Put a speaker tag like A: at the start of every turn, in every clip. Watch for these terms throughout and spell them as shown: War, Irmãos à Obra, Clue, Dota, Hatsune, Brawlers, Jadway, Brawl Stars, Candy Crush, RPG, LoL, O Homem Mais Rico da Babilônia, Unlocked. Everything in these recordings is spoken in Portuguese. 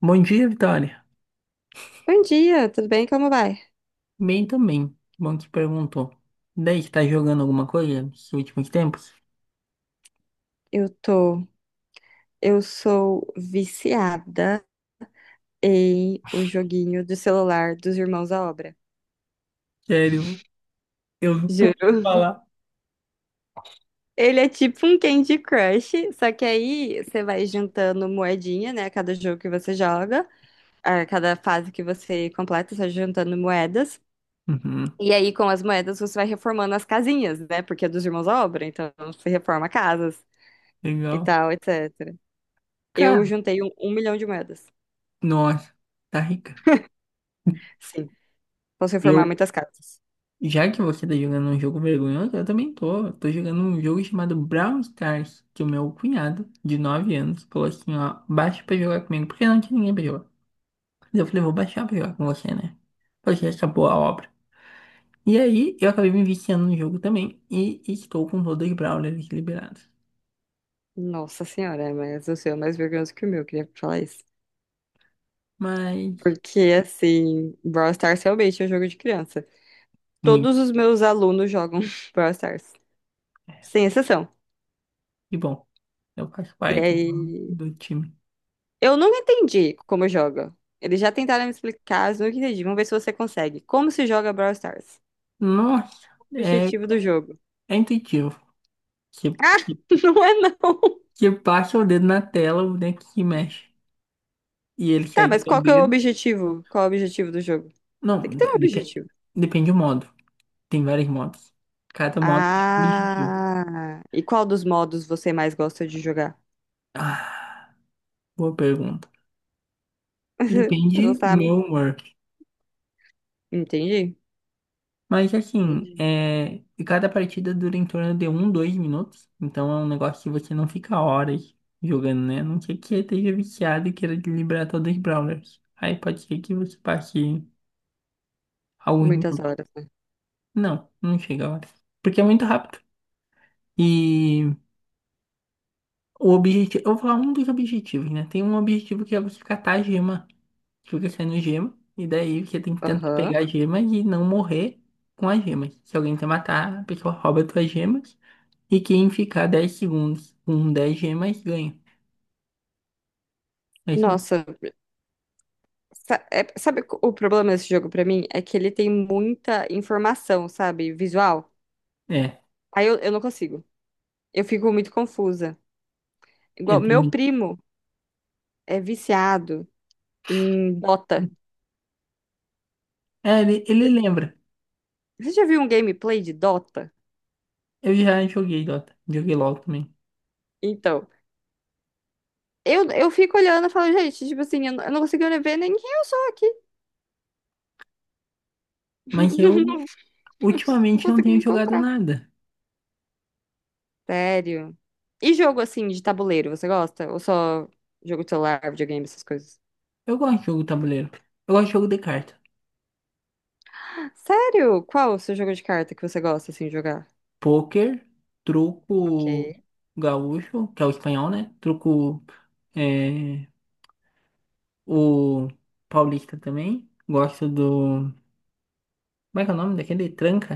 A: Bom dia, Vitória.
B: Bom dia, tudo bem? Como vai?
A: Bem também. Que bom que perguntou. Daí que tá jogando alguma coisa nos últimos tempos?
B: Eu tô. Eu sou viciada em o joguinho do celular dos Irmãos à Obra.
A: Sério, eu não posso
B: Juro.
A: falar.
B: Ele é tipo um Candy Crush, só que aí você vai juntando moedinha, né? A cada jogo que você joga, a cada fase que você completa, você vai juntando moedas.
A: Uhum,
B: E aí, com as moedas, você vai reformando as casinhas, né? Porque é dos Irmãos à Obra, então você reforma casas e
A: legal.
B: tal, etc. Eu
A: Cara,
B: juntei um milhão de moedas.
A: nossa, tá rica.
B: Sim, posso reformar
A: Eu,
B: muitas casas.
A: já que você tá jogando um jogo vergonhoso, eu também tô. Tô jogando um jogo chamado Brawl Stars, que o meu cunhado, de 9 anos, falou assim, ó, baixa pra jogar comigo, porque não tinha ninguém pra jogar. Eu falei, vou baixar pra jogar com você, né? Porque acabou a obra. E aí, eu acabei me viciando no jogo também e estou com todos os Brawlers liberados.
B: Nossa senhora, mas o seu é mais vergonhoso que o meu, queria falar isso.
A: Mas,
B: Porque, assim, Brawl Stars realmente é um jogo de criança.
A: muito.
B: Todos os meus alunos jogam Brawl Stars, sem exceção.
A: Que bom. Eu faço
B: E
A: parte do,
B: aí,
A: do time.
B: eu nunca entendi como joga. Eles já tentaram me explicar, mas eu nunca entendi. Vamos ver se você consegue. Como se joga Brawl Stars?
A: Nossa,
B: O
A: é,
B: objetivo do jogo.
A: é intuitivo. Você,
B: Ah, não é não.
A: você passa o dedo na tela, o boneco se mexe. E ele
B: Tá,
A: segue o
B: mas
A: seu
B: qual que é o
A: dedo.
B: objetivo? Qual é o objetivo do jogo? Tem que
A: Não,
B: ter um
A: depende,
B: objetivo.
A: depende do modo. Tem vários modos. Cada modo tem um objetivo.
B: Ah, e qual dos modos você mais gosta de jogar?
A: Ah, boa pergunta.
B: Você não
A: Depende do meu
B: sabe?
A: humor.
B: Entendi.
A: Mas assim,
B: Entendi.
A: é... e cada partida dura em torno de um, dois minutos. Então é um negócio que você não fica horas jogando, né? A não ser que esteja viciado e queira liberar todos os brawlers. Aí pode ser que você passe alguns
B: Muitas
A: minutos.
B: horas, né?
A: Não, não chega a hora. Porque é muito rápido. E o objetivo. Eu vou falar um dos objetivos, né? Tem um objetivo que é você catar a gema. Fica saindo gema. E daí você tem que tentar
B: Aham.
A: pegar a gema e não morrer com as gemas. Se alguém te matar, a pessoa rouba as tuas gemas. E quem ficar 10 segundos com 10 gemas ganha. Mas eu-
B: Nossa, sabe o problema desse jogo pra mim? É que ele tem muita informação, sabe? Visual.
A: É,
B: Aí eu não consigo. Eu fico muito confusa. Igual,
A: ele
B: meu
A: tem.
B: primo é viciado em Dota.
A: É, ele lembra.
B: Você já viu um gameplay de Dota?
A: Eu já joguei Dota, joguei LoL também.
B: Então, eu fico olhando e falo, gente, tipo assim, eu não consigo nem ver nem quem eu sou aqui.
A: Mas eu
B: Não, não
A: ultimamente não
B: consigo
A: tenho
B: me
A: jogado
B: encontrar.
A: nada.
B: Sério? E jogo assim de tabuleiro, você gosta? Ou só jogo de celular, videogame, essas coisas?
A: Eu gosto de jogo tabuleiro. Eu gosto de jogo de carta.
B: Sério? Qual o seu jogo de carta que você gosta assim de jogar?
A: Poker,
B: Ok.
A: truco gaúcho, que é o espanhol, né? Truco é, o paulista também. Gosto do. Como é que é o nome daquele? Tranca?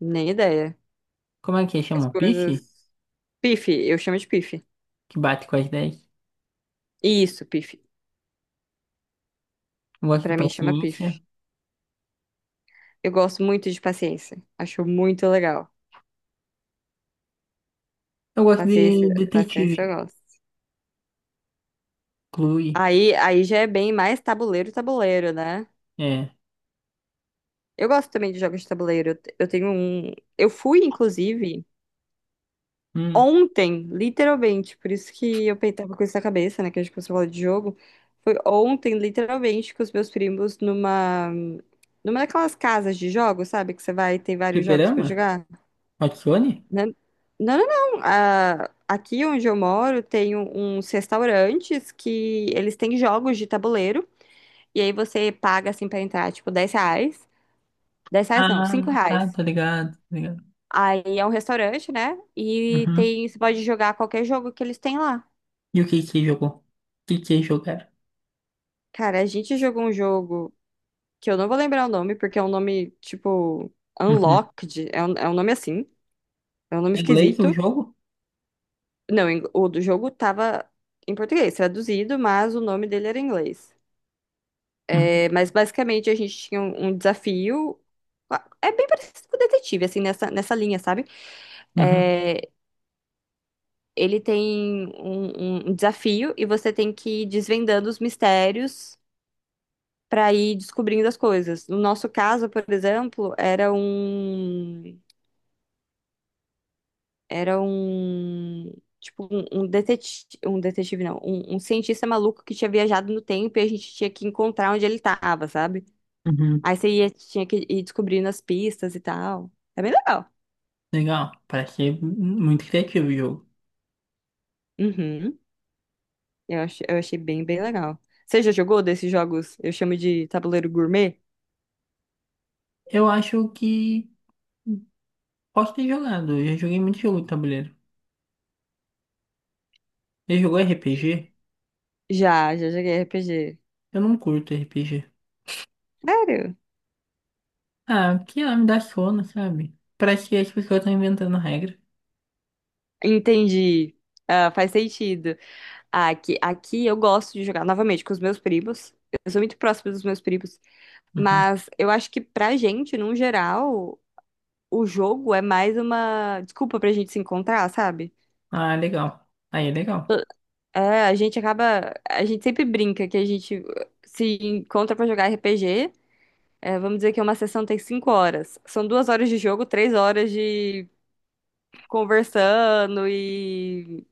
B: Nem ideia.
A: Como é que
B: Que as
A: chama?
B: coisas.
A: Piche?
B: Pife, eu chamo de pife.
A: Que bate com as 10.
B: Isso, pife.
A: Eu gosto de
B: Pra mim chama
A: paciência.
B: pife. Eu gosto muito de paciência. Acho muito legal.
A: Eu gosto
B: Paciência,
A: de
B: paciência
A: detetive.
B: eu gosto.
A: Clue.
B: Aí já é bem mais tabuleiro, tabuleiro, né?
A: É.
B: Eu gosto também de jogos de tabuleiro. Eu tenho um. Eu fui, inclusive.
A: Hum.
B: Ontem, literalmente, por isso que tava com isso na cabeça, né? Que a gente começou a falar de jogo. Foi ontem, literalmente, com os meus primos numa. Numa daquelas casas de jogos, sabe? Que você vai e tem vários jogos pra
A: Fliperama?
B: jogar.
A: Hatsune?
B: Né? Não, não, não. Ah, aqui onde eu moro tem uns restaurantes que eles têm jogos de tabuleiro. E aí você paga, assim, pra entrar, tipo, R$ 10. Dez reais não, 5
A: Ah, tá,
B: reais.
A: tá ligado, tá ligado.
B: Aí é um restaurante, né? E
A: Uhum.
B: tem, você pode jogar qualquer jogo que eles têm lá.
A: E o que que você jogou? O que que você jogaram?
B: Cara, a gente jogou um jogo que eu não vou lembrar o nome, porque é um nome, tipo,
A: Uhum.
B: Unlocked. É um nome assim. É um nome
A: Em inglês o
B: esquisito.
A: jogo?
B: Não, em- o do jogo tava em português, traduzido, mas o nome dele era em inglês.
A: Uhum.
B: É, mas basicamente a gente tinha um desafio. É bem parecido com o detetive, assim, nessa linha, sabe?
A: Uhum.
B: É, ele tem um desafio e você tem que ir desvendando os mistérios. Para ir descobrindo as coisas. No nosso caso, por exemplo, era um tipo um detetive, um detetive não, um cientista maluco que tinha viajado no tempo e a gente tinha que encontrar onde ele estava, sabe?
A: Uhum.
B: Aí você ia, tinha que ir descobrindo as pistas e tal. É bem legal.
A: Legal. Parece ser muito criativo o jogo.
B: Uhum. Eu achei bem, bem legal. Você já jogou desses jogos? Eu chamo de tabuleiro gourmet?
A: Eu acho que posso ter jogado. Eu já joguei muito jogo de tabuleiro. Você jogou RPG?
B: Já, já joguei RPG.
A: Eu não curto RPG.
B: Sério?
A: Ah, porque ela me dá sono, sabe? Parece que as pessoas estão inventando regra.
B: Entendi. Ah, faz sentido. Aqui eu gosto de jogar novamente com os meus primos. Eu sou muito próxima dos meus primos.
A: Uhum.
B: Mas eu acho que pra gente, num geral, o jogo é mais uma desculpa pra gente se encontrar, sabe?
A: Ah, legal. Aí é legal.
B: É, a gente acaba. A gente sempre brinca que a gente se encontra pra jogar RPG. É, vamos dizer que uma sessão tem 5 horas. São 2 horas de jogo, 3 horas de conversando e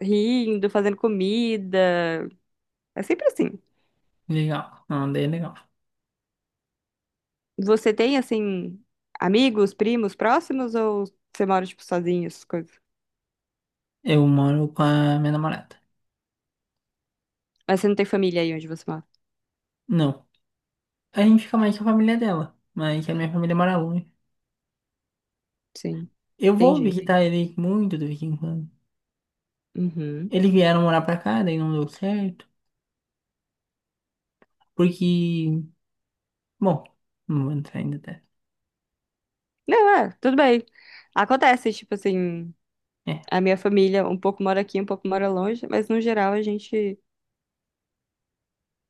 B: rindo, fazendo comida. É sempre assim.
A: Legal. Não, daí é legal.
B: Você tem, assim, amigos, primos próximos ou você mora, tipo, sozinho, essas coisas?
A: Eu moro com a minha namorada.
B: Mas você não tem família aí onde você mora?
A: Não. A gente fica mais com a família dela. Mas a minha família mora longe.
B: Sim.
A: Eu vou
B: Entendi, entendi.
A: visitar ele muito de vez em quando.
B: Uhum.
A: Eles vieram morar pra cá, daí não deu certo. Porque. Bom, não vou entrar ainda até.
B: Não, é, tudo bem. Acontece, tipo assim,
A: É.
B: a minha família um pouco mora aqui, um pouco mora longe, mas no geral a gente,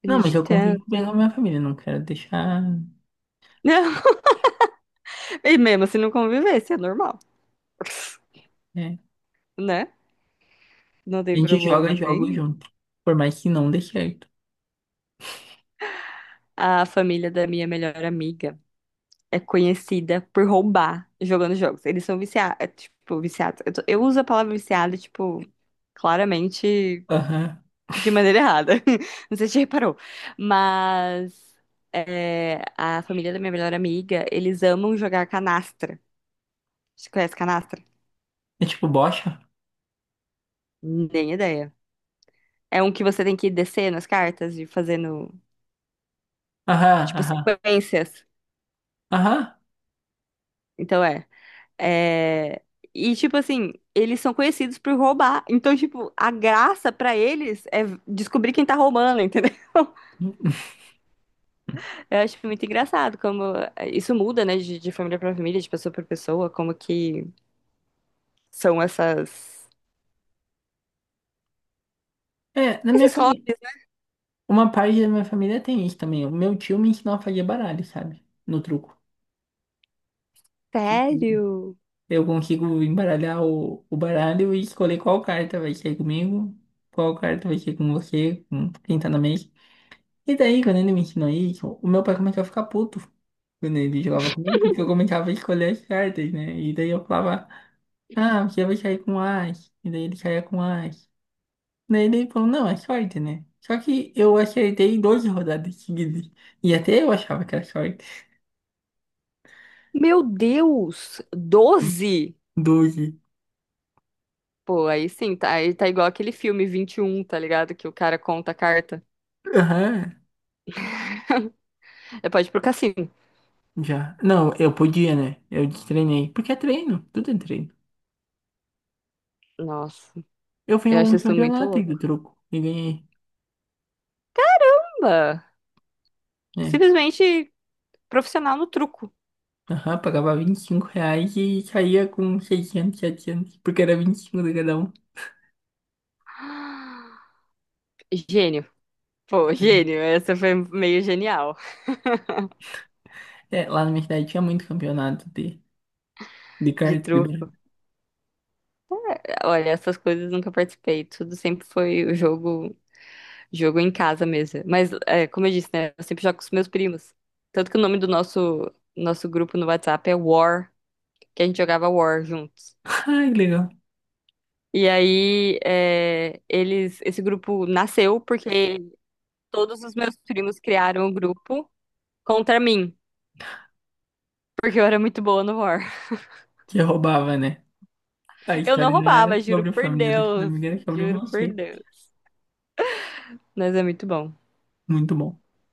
B: a
A: Não, mas
B: gente
A: eu convivo
B: tenta,
A: bem com
B: né?
A: a minha família. Não quero deixar.
B: Não, e mesmo se não convivesse, é normal,
A: É.
B: né? Não
A: A
B: tem
A: gente joga
B: problema
A: jogos
B: nem.
A: junto. Por mais que não dê certo.
B: A família da minha melhor amiga é conhecida por roubar jogando jogos. Eles são viciados, tipo, viciados. Eu uso a palavra viciada tipo, claramente
A: Aham.
B: de maneira errada. Não sei se você reparou. Mas é, a família da minha melhor amiga, eles amam jogar canastra. Você conhece canastra?
A: É tipo bocha?
B: Nem ideia. É um que você tem que descer nas cartas e fazendo,
A: Aham,
B: tipo,
A: aham.
B: sequências.
A: Aham.
B: Então é. É, e, tipo assim, eles são conhecidos por roubar. Então, tipo, a graça pra eles é descobrir quem tá roubando, entendeu? Eu acho muito engraçado como é, isso muda, né, de família pra família, de pessoa pra pessoa, como que são essas...
A: É, na minha
B: esses
A: família.
B: hobbies, né?
A: Uma parte da minha família tem isso também. O meu tio me ensinou a fazer baralho, sabe? No truco. Tipo,
B: Sério?
A: eu consigo embaralhar o baralho e escolher qual carta vai ser comigo, qual carta vai ser com você, com quem tá na mesa. E daí, quando ele me ensinou isso, o meu pai começou a ficar puto quando ele jogava comigo, porque eu começava a escolher as cartas, né? E daí eu falava, ah, você vai sair com as. E daí ele saía com as. Daí ele falou, não, é short, né? Só que eu acertei 12 rodadas seguidas. E até eu achava que era short.
B: Meu Deus! 12.
A: 12.
B: Pô, aí sim, tá, aí tá igual aquele filme 21, tá ligado? Que o cara conta a carta.
A: Aham,
B: É, pode ir pro cassino.
A: já. Não, eu podia, né? Eu destreinei. Porque é treino, tudo é treino.
B: Nossa,
A: Eu fui a
B: eu acho
A: um
B: isso muito
A: campeonato do
B: louco.
A: truco e ganhei.
B: Caramba!
A: É.
B: Simplesmente. Profissional no truco.
A: Aham, pagava R$ 25 e saía com 600 700 porque era 25 de cada um.
B: Gênio. Pô, gênio, essa foi meio genial
A: É, lá na minha cidade tinha muito campeonato de,
B: de
A: carta de
B: truco.
A: baralho.
B: Olha, essas coisas nunca participei, tudo sempre foi o jogo, jogo em casa mesmo. Mas, é, como eu disse, né, eu sempre jogo com os meus primos. Tanto que o nome do nosso, nosso grupo no WhatsApp é War, que a gente jogava War juntos.
A: Ai, que legal.
B: E aí, é, eles, esse grupo nasceu porque todos os meus primos criaram o grupo contra mim, porque eu era muito boa no War.
A: Que eu roubava, né? A
B: Eu não
A: história não era
B: roubava, juro
A: sobre a
B: por
A: família da sua
B: Deus.
A: amiga, era sobre
B: Juro por
A: você.
B: Deus. Mas é muito bom.
A: Muito bom.